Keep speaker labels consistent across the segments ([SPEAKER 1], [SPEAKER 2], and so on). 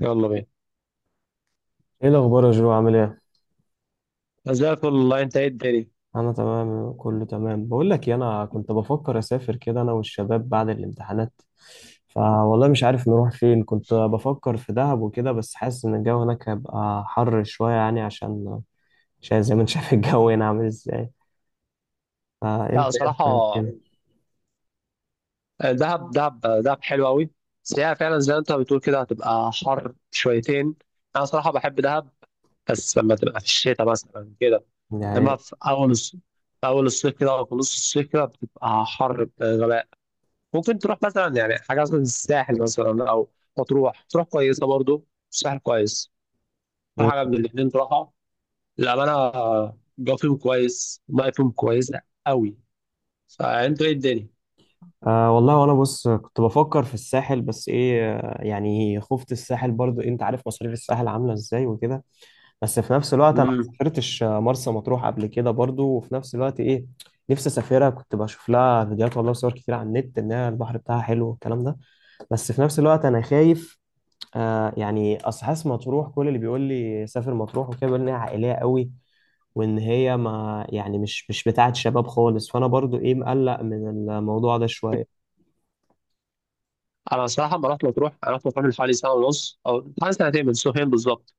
[SPEAKER 1] يلا بينا.
[SPEAKER 2] ايه الاخبار يا جو، عامل ايه؟
[SPEAKER 1] زي الفل والله. انت ايه الدنيا؟
[SPEAKER 2] انا تمام، كله تمام. بقول لك إيه، انا كنت بفكر اسافر كده انا والشباب بعد الامتحانات. فوالله مش عارف نروح فين. كنت بفكر في دهب وكده، بس حاسس ان الجو هناك هيبقى حر شويه، يعني عشان زي ما انت شايف الجو هنا عامل ازاي.
[SPEAKER 1] لا،
[SPEAKER 2] فانت ايه
[SPEAKER 1] بصراحة،
[SPEAKER 2] رأيك كده؟
[SPEAKER 1] دهب دهب، دهب حلو قوي. بس هي فعلا زي ما انت بتقول كده، هتبقى حر شويتين. انا صراحة بحب دهب، بس لما تبقى في الشتاء مثلا كده.
[SPEAKER 2] يعني
[SPEAKER 1] لما
[SPEAKER 2] إيه؟
[SPEAKER 1] في اول الصيف كده، او في نص الصيف كده، بتبقى حر بغباء. ممكن تروح مثلا، يعني حاجة مثلا الساحل مثلا، او مطروح تروح كويسة برضو. الساحل كويس، اكتر
[SPEAKER 2] مم.
[SPEAKER 1] حاجة من الاتنين تروحها، للأمانة. الجو فيهم كويس، المية فيهم كويسة قوي. فانتوا ايه الدنيا؟
[SPEAKER 2] آه والله، وانا بص كنت بفكر في الساحل، بس ايه آه، يعني خفت الساحل برضو إيه، انت عارف مصاريف الساحل عامله ازاي وكده. بس في نفس الوقت انا ما
[SPEAKER 1] امم
[SPEAKER 2] سافرتش مرسى مطروح قبل كده برضو، وفي نفس الوقت ايه، نفسي اسافرها. كنت بشوف لها فيديوهات والله وصور كتير على النت انها البحر بتاعها حلو والكلام ده، بس في نفس الوقت انا خايف. آه يعني اصل حاسس مطروح، كل اللي بيقول لي سافر مطروح وكده بيقول ان هي عائليه قوي، وان هي ما يعني مش بتاعه شباب خالص، فانا برضو ايه مقلق من الموضوع ده شويه.
[SPEAKER 1] انا صراحه ما رحت مطروح. انا رحت مطروح من حوالي سنه ونص، او حوالي سنتين، من سنتين بالظبط.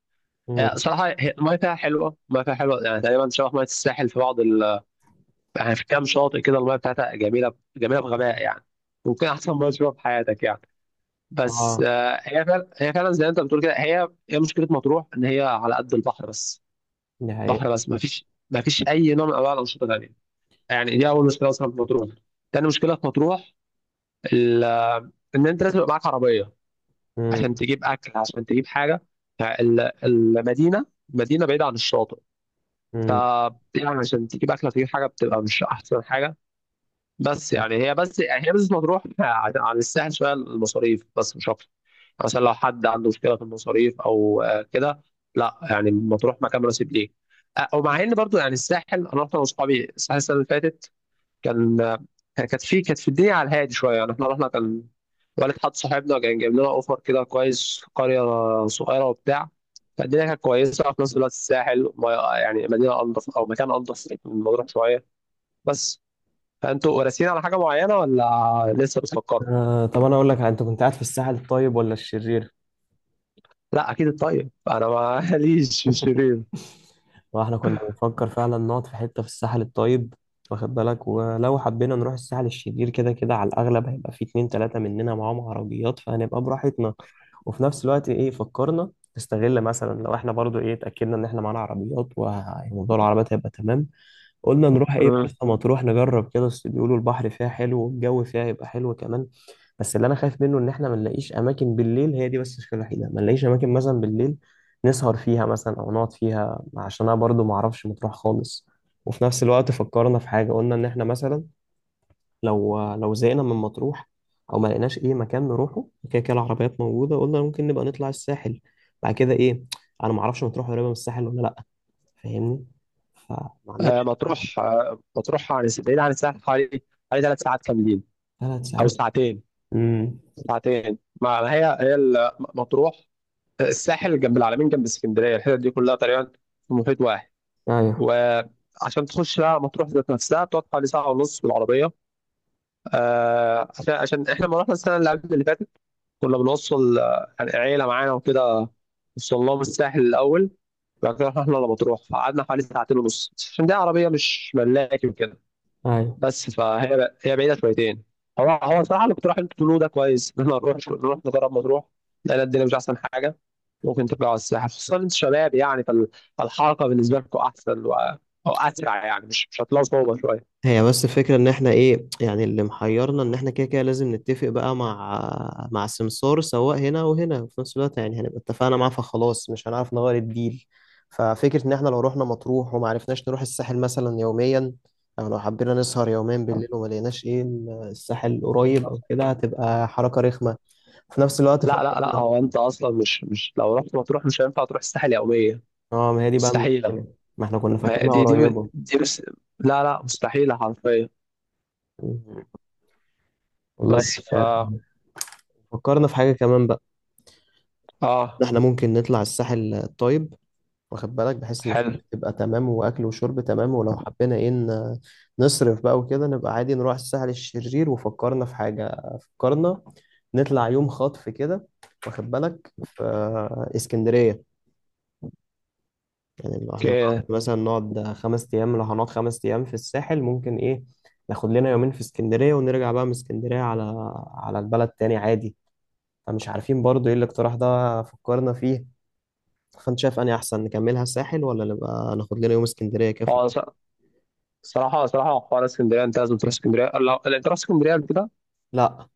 [SPEAKER 2] امم.
[SPEAKER 1] هي صراحه، هي الميه فيها حلوه، الميه فيها حلوه يعني، تقريبا شبه ميه الساحل في بعض يعني في كام شاطئ كده الميه بتاعتها جميله جميله بغباء يعني. ممكن احسن ميه تشوفها في حياتك يعني. بس
[SPEAKER 2] اه،
[SPEAKER 1] هي فعلا زي ما انت بتقول كده، هي مشكله مطروح ان هي على قد البحر بس.
[SPEAKER 2] دي حقيقه.
[SPEAKER 1] بحر بس، ما فيش اي نوع من انواع الانشطه تانيه. يعني دي اول مشكله اصلا في مطروح. تاني مشكله في مطروح، ال... ان انت لازم يبقى معاك عربيه.
[SPEAKER 2] امم.
[SPEAKER 1] عشان تجيب اكل، عشان تجيب حاجه. فالمدينه مدينه بعيده عن الشاطئ. ف
[SPEAKER 2] امم.
[SPEAKER 1] يعني عشان تجيب اكل تجيب حاجه، بتبقى مش احسن حاجه. بس يعني هي بس مطروح عن الساحل شويه المصاريف، بس مش اكتر. يعني مثلا لو حد عنده مشكله في المصاريف او كده. لا، يعني مطروح مكان مناسب ليه. ومع ان برضو يعني الساحل، انا رحت انا واصحابي الساحل السنه اللي فاتت. كان كانت في الدنيا على الهادي شويه يعني. احنا رحنا والد حد صاحبنا كان جايب لنا اوفر كده كويس في قريه صغيره وبتاع. فالدنيا كانت كويسه، وفي نفس الوقت الساحل، يعني مدينه انضف او مكان انضف من مطروح شويه. بس. فانتوا راسين على حاجه معينه، ولا لسه بتفكروا؟
[SPEAKER 2] آه، طب انا اقول لك، انت كنت قاعد في الساحل الطيب ولا الشرير؟
[SPEAKER 1] لا، اكيد الطيب، انا ماليش في الشرير.
[SPEAKER 2] واحنا كنا بنفكر فعلا نقعد في حتة في الساحل الطيب، واخد بالك، ولو حبينا نروح الساحل الشرير كده كده، على الأغلب هيبقى في اتنين تلاتة مننا معاهم عربيات، فهنبقى براحتنا. وفي نفس الوقت إيه، فكرنا نستغل مثلا لو احنا برضو إيه اتأكدنا إن احنا معانا عربيات، وموضوع العربيات هيبقى تمام. قلنا نروح ايه
[SPEAKER 1] أه.
[SPEAKER 2] مرسى مطروح نجرب كده، بس بيقولوا البحر فيها حلو والجو فيها يبقى حلو كمان. بس اللي انا خايف منه ان احنا ما نلاقيش اماكن بالليل. هي دي بس المشكله الوحيده، ما نلاقيش اماكن مثلا بالليل نسهر فيها مثلا او نقعد فيها، عشان انا برضو ما اعرفش مطروح خالص. وفي نفس الوقت فكرنا في حاجه، قلنا ان احنا مثلا لو زهقنا من مطروح او ما لقيناش ايه مكان نروحه، كده كده العربيات موجوده، قلنا ممكن نبقى نطلع الساحل. بعد كده ايه، انا ما اعرفش مطروح قريبه من الساحل ولا لا، فاهمني؟ فما عندكش.
[SPEAKER 1] مطروح، مطروح عن بعيد عن الساحل، حوالي 3 ساعات كاملين.
[SPEAKER 2] ثلاث
[SPEAKER 1] او
[SPEAKER 2] ساعات
[SPEAKER 1] ساعتين.
[SPEAKER 2] امم.
[SPEAKER 1] ساعتين. ما ما هي هي مطروح. الساحل جنب العلمين، جنب اسكندريه، الحتت دي كلها تقريبا في محيط واحد.
[SPEAKER 2] ايوه.
[SPEAKER 1] وعشان تخش بقى مطروح ذات نفسها، بتقعد حوالي ساعه ونص بالعربيه. عشان احنا لما رحنا السنه اللي قبل اللي فاتت، كنا بنوصل عيله معانا وكده. وصلناهم الساحل الاول، بعد كده رحنا احنا لمطروح، فقعدنا حوالي ساعتين ونص، عشان دي عربيه مش ملاكي وكده.
[SPEAKER 2] ايوه.
[SPEAKER 1] بس فهي بعيده شويتين. هو صراحه اللي كنت رايح انت تقولوه ده كويس، ان احنا نروح، نجرب مطروح. لان الدنيا مش احسن حاجه، ممكن تبقى على الساحل. خصوصا انت شباب يعني، فالحركه بالنسبه لكم احسن او اسرع يعني، مش هتلاقوا صعوبه شويه.
[SPEAKER 2] هي بس الفكرة ان احنا ايه، يعني اللي محيرنا ان احنا كده كده لازم نتفق بقى مع السمسار سواء هنا وهنا، وفي نفس الوقت يعني هنبقى اتفقنا معاه فخلاص مش هنعرف نغير الديل. ففكرة ان احنا لو رحنا مطروح وما عرفناش نروح الساحل مثلا يوميا، او لو حبينا نسهر يومين بالليل وما لقيناش ايه الساحل قريب او كده، هتبقى حركة رخمة. في نفس الوقت
[SPEAKER 1] لا، لا، لا،
[SPEAKER 2] فكرنا.
[SPEAKER 1] هو انت اصلا، مش لو رحت مطروح مش هينفع تروح الساحل يوميا.
[SPEAKER 2] اه، ما هي دي بقى
[SPEAKER 1] مستحيله.
[SPEAKER 2] المشكلة، ما احنا كنا فاكرينها
[SPEAKER 1] دي دي
[SPEAKER 2] قريبة.
[SPEAKER 1] دي بس. لا، لا، مستحيله حرفيا.
[SPEAKER 2] مم. والله.
[SPEAKER 1] بس
[SPEAKER 2] آه، فكرنا في حاجة كمان بقى، ده
[SPEAKER 1] اه.
[SPEAKER 2] احنا ممكن نطلع الساحل الطيب، واخد بالك، بحيث ان
[SPEAKER 1] حلو.
[SPEAKER 2] تبقى تمام واكل وشرب تمام، ولو حبينا ايه نصرف بقى وكده نبقى عادي نروح الساحل الشرير. وفكرنا في حاجة، فكرنا نطلع يوم خطف كده، واخد بالك، في اسكندرية. يعني لو احنا
[SPEAKER 1] اوكي.
[SPEAKER 2] مثلا نقعد 5 ايام، لو هنقعد 5 ايام في الساحل، ممكن ايه ناخد لنا يومين في اسكندرية، ونرجع بقى من اسكندرية على البلد تاني عادي. فمش عارفين برضو ايه الاقتراح ده فكرنا فيه. فانت شايف اني احسن نكملها الساحل، ولا نبقى ناخد لنا يوم اسكندريه كده في-
[SPEAKER 1] هو
[SPEAKER 2] البيت؟
[SPEAKER 1] صراحة حوار اسكندرية، أنت لازم تروح اسكندرية. لو أنت رحت اسكندرية قبل كده.
[SPEAKER 2] لا.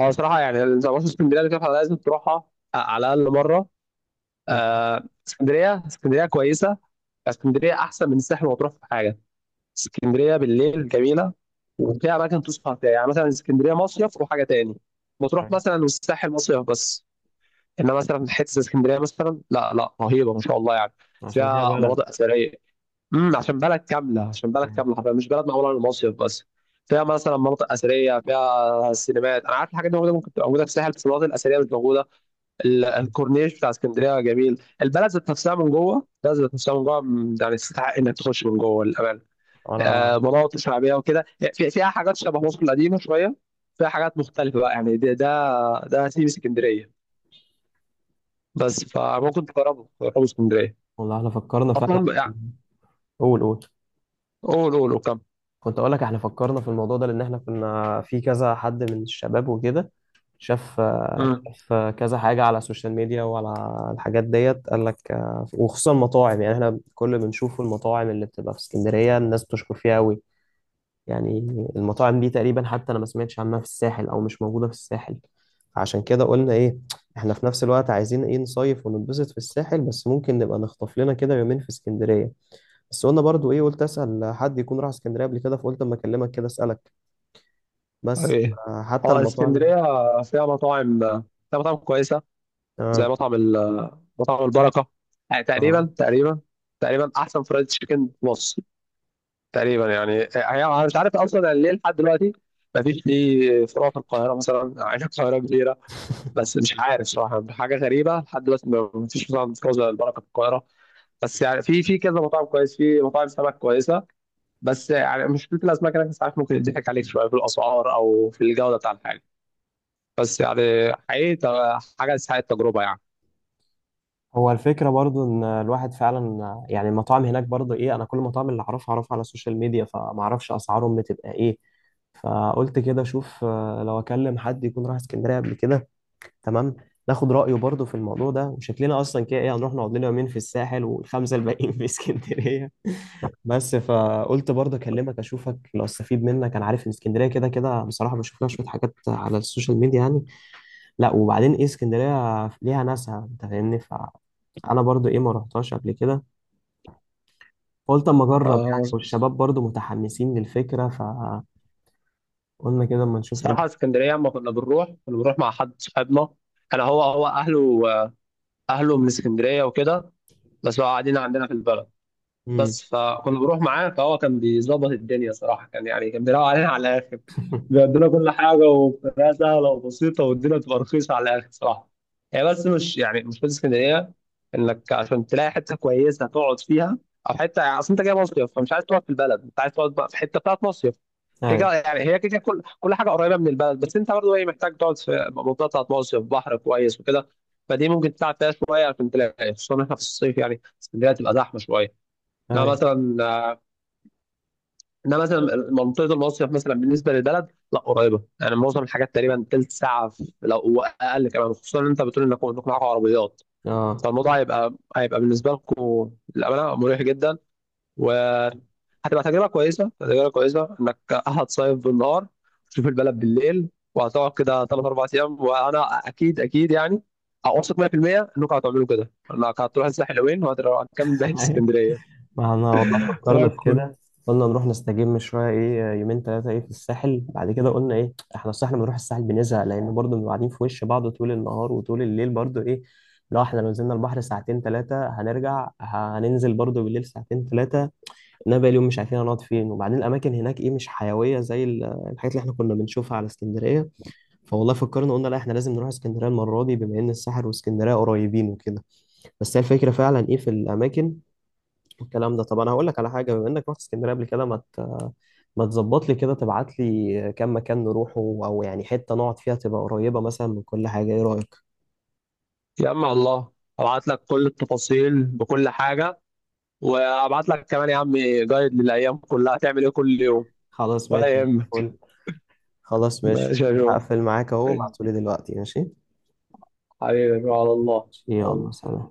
[SPEAKER 1] هو صراحة يعني، أنت ما رحت اسكندرية قبل كده، فلازم تروحها، على الأقل مرة.
[SPEAKER 2] م-.
[SPEAKER 1] آه، اسكندرية، اسكندرية كويسة. اسكندرية أحسن من الساحل، وتروح في حاجة. اسكندرية بالليل جميلة، وفيها أماكن تسهر فيها. يعني مثلا اسكندرية مصيف وحاجة تاني وتروح،
[SPEAKER 2] أيوة.
[SPEAKER 1] مثلا. والساحل مصيف بس. إنما مثلا حتة اسكندرية مثلا، لا لا، رهيبة ما شاء الله يعني.
[SPEAKER 2] عشان هي
[SPEAKER 1] فيها
[SPEAKER 2] بلد.
[SPEAKER 1] مناطق أثرية. عشان بلد كامله، عشان بلد
[SPEAKER 2] أيوة.
[SPEAKER 1] كامله حرفيا، مش بلد معموله للمصيف بس. فيها مثلا مناطق اثريه، فيها سينمات. انا عارف الحاجات دي موجوده، ممكن تبقى موجوده في الساحل، بس المناطق الاثريه مش موجوده. الكورنيش بتاع اسكندريه جميل. البلد ذات نفسها من جوه، البلد ذات نفسها من جوه م- يعني تستحق انك تخش من جوه للامانه.
[SPEAKER 2] انا.
[SPEAKER 1] مناطق شعبيه وكده. فيها حاجات شبه مصر القديمه شويه. فيها حاجات مختلفه بقى، يعني ده سيب اسكندريه بس. فممكن تجربوا اسكندريه
[SPEAKER 2] والله احنا فكرنا فعلا.
[SPEAKER 1] اصلا يعني.
[SPEAKER 2] قول، قول.
[SPEAKER 1] قول قول.
[SPEAKER 2] كنت اقول لك، احنا فكرنا في الموضوع ده لان احنا كنا في كذا حد من الشباب وكده شاف.
[SPEAKER 1] وكم.
[SPEAKER 2] شاف كذا حاجه على السوشيال ميديا وعلى الحاجات ديت، قال لك آه، وخصوصا المطاعم. يعني احنا كل بنشوف المطاعم اللي بتبقى في اسكندريه الناس بتشكر فيها قوي يعني. المطاعم دي تقريبا حتى انا ما سمعتش عنها في الساحل، او مش موجودة في الساحل. عشان كده قلنا ايه، احنا في نفس الوقت عايزين ايه نصيف وننبسط في الساحل، بس ممكن نبقى نخطف لنا كده يومين في اسكندرية. بس قلنا برضو ايه، قلت اسأل حد يكون راح اسكندرية قبل كده، فقلت اما اكلمك كده اسألك. بس
[SPEAKER 1] ايه.
[SPEAKER 2] آه، حتى
[SPEAKER 1] اه.
[SPEAKER 2] المطاعم.
[SPEAKER 1] اسكندريه فيها مطاعم فيها مطاعم كويسه. زي
[SPEAKER 2] اه.
[SPEAKER 1] مطعم مطعم البركه. يعني
[SPEAKER 2] اه.
[SPEAKER 1] تقريبا، تقريبا احسن فرايد تشيكن في مصر تقريبا يعني. هي انا مش عارف اصلا يعني ليه، لحد دلوقتي ما فيش ليه فروع في القاهره مثلا، عين القاهره كبيره. بس مش عارف صراحه، حاجه غريبه لحد دلوقتي، ما فيش مطعم فروع زي البركه في القاهره. بس يعني في كذا مطعم كويس، في مطاعم سمك كويسه. بس يعني مشكله الاسماك هناك، ساعات ممكن يضحك عليك شويه في الاسعار او في الجوده بتاع الحاجه. بس يعني حقيقي، حاجة تستحق التجربة يعني.
[SPEAKER 2] هو الفكرة برضو إن الواحد فعلا، يعني المطاعم هناك برضو إيه، أنا كل المطاعم اللي أعرفها أعرفها على السوشيال ميديا، فمعرفش أسعارهم بتبقى إيه. فقلت كده أشوف آه، لو أكلم حد يكون راح اسكندرية قبل كده، تمام، ناخد رأيه برضو في الموضوع ده. وشكلنا أصلا كده إيه، هنروح نقعد لنا يومين في الساحل والخمسة الباقيين في اسكندرية بس فقلت برضو أكلمك أشوفك لو استفيد منك. أنا عارف إن اسكندرية كده كده، بصراحة بشوف لها شوية حاجات على السوشيال ميديا يعني. لا، وبعدين إيه اسكندرية ليها ناسها، أنت فاهمني. انا برضو ايه، ما رحتهاش قبل كده، قلت اما اجرب
[SPEAKER 1] آه،
[SPEAKER 2] يعني، والشباب برضو متحمسين للفكره، فقلنا كده اما نشوف ايه.
[SPEAKER 1] صراحة اسكندرية، لما كنا بنروح مع حد صاحبنا. أنا هو أهله من اسكندرية وكده، بس هو قاعدين عندنا في البلد.
[SPEAKER 2] امم.
[SPEAKER 1] بس فكنا بنروح معاه، فهو كان بيظبط الدنيا صراحه. كان يعني كان بيراعي علينا على الاخر. بيدينا كل حاجه، وبطريقه سهله وبسيطه، والدنيا بتبقى رخيصه على الاخر صراحه. هي بس مش يعني، مش في اسكندريه انك عشان تلاقي حته كويسه تقعد فيها، او حته يعني، اصل انت جاي مصيف، فمش عايز تقعد في البلد، انت عايز تقعد بقى في حته بتاعت مصيف
[SPEAKER 2] ايوه.
[SPEAKER 1] كده يعني. هي كده كل كل حاجه قريبه من البلد، بس انت برضه ايه، محتاج تقعد في منطقه بتاعت مصيف، بحر كويس وكده. فدي ممكن تتعب فيها شويه عشان تلاقي، خصوصا احنا في الصيف يعني اسكندريه تبقى زحمه شويه. لا
[SPEAKER 2] ايوه.
[SPEAKER 1] مثلا، انا مثلا منطقه المصيف مثلا بالنسبه للبلد، لا قريبه، يعني معظم الحاجات تقريبا تلت ساعه، في لو اقل كمان، خصوصا ان انت بتقول انكم معاكم عربيات.
[SPEAKER 2] اه.
[SPEAKER 1] فالموضوع هيبقى بالنسبه لكم، للامانه، مريح جدا. وهتبقى تجربه كويسه، تجربه كويسه، انك هتصيف بالنهار، تشوف البلد بالليل، وهتقعد كده ثلاث اربع ايام. وانا اكيد اكيد يعني، اوثق 100% انكم هتعملوا كده، انك هتروح الساحل يومين، وهتروح كام ده
[SPEAKER 2] أيوة.
[SPEAKER 1] اسكندريه.
[SPEAKER 2] ما احنا والله فكرنا
[SPEAKER 1] تمام،
[SPEAKER 2] في كده، قلنا نروح نستجم شويه ايه، يومين ثلاثه ايه في الساحل. بعد كده قلنا ايه، احنا الصح لما نروح الساحل بنزهق، لان برضو بنبقى قاعدين في وش بعض طول النهار، وطول الليل برضو ايه لو احنا لو نزلنا البحر ساعتين ثلاثه، هنرجع هننزل برضو بالليل ساعتين ثلاثه. انا بقالي يوم مش عارفين هنقعد فين، وبعدين الاماكن هناك ايه مش حيويه زي الحاجات اللي احنا كنا بنشوفها على اسكندريه. فوالله فكرنا قلنا لا، احنا لازم نروح اسكندريه المره دي، بما ان الساحل واسكندريه قريبين وكده. بس هي الفكره فعلا ايه في الاماكن والكلام ده. طب انا هقول لك على حاجه، بما انك رحت اسكندريه قبل كده، ما تظبط لي كده تبعت لي كام مكان نروحه، او يعني حته نقعد فيها تبقى قريبه مثلا من كل حاجه، ايه رايك؟
[SPEAKER 1] يا عم. الله، ابعت لك كل التفاصيل بكل حاجه. وابعت لك كمان يا عم جايد للايام كلها، هتعمل ايه كل يوم.
[SPEAKER 2] خلاص
[SPEAKER 1] ولا
[SPEAKER 2] ماشي.
[SPEAKER 1] يهمك.
[SPEAKER 2] فل. خلاص ماشي.
[SPEAKER 1] ماشي يا جو.
[SPEAKER 2] هقفل معاك اهو، ابعتولي دلوقتي ماشي.
[SPEAKER 1] حبيبي، على الله. على
[SPEAKER 2] يلا
[SPEAKER 1] الله.
[SPEAKER 2] سلام.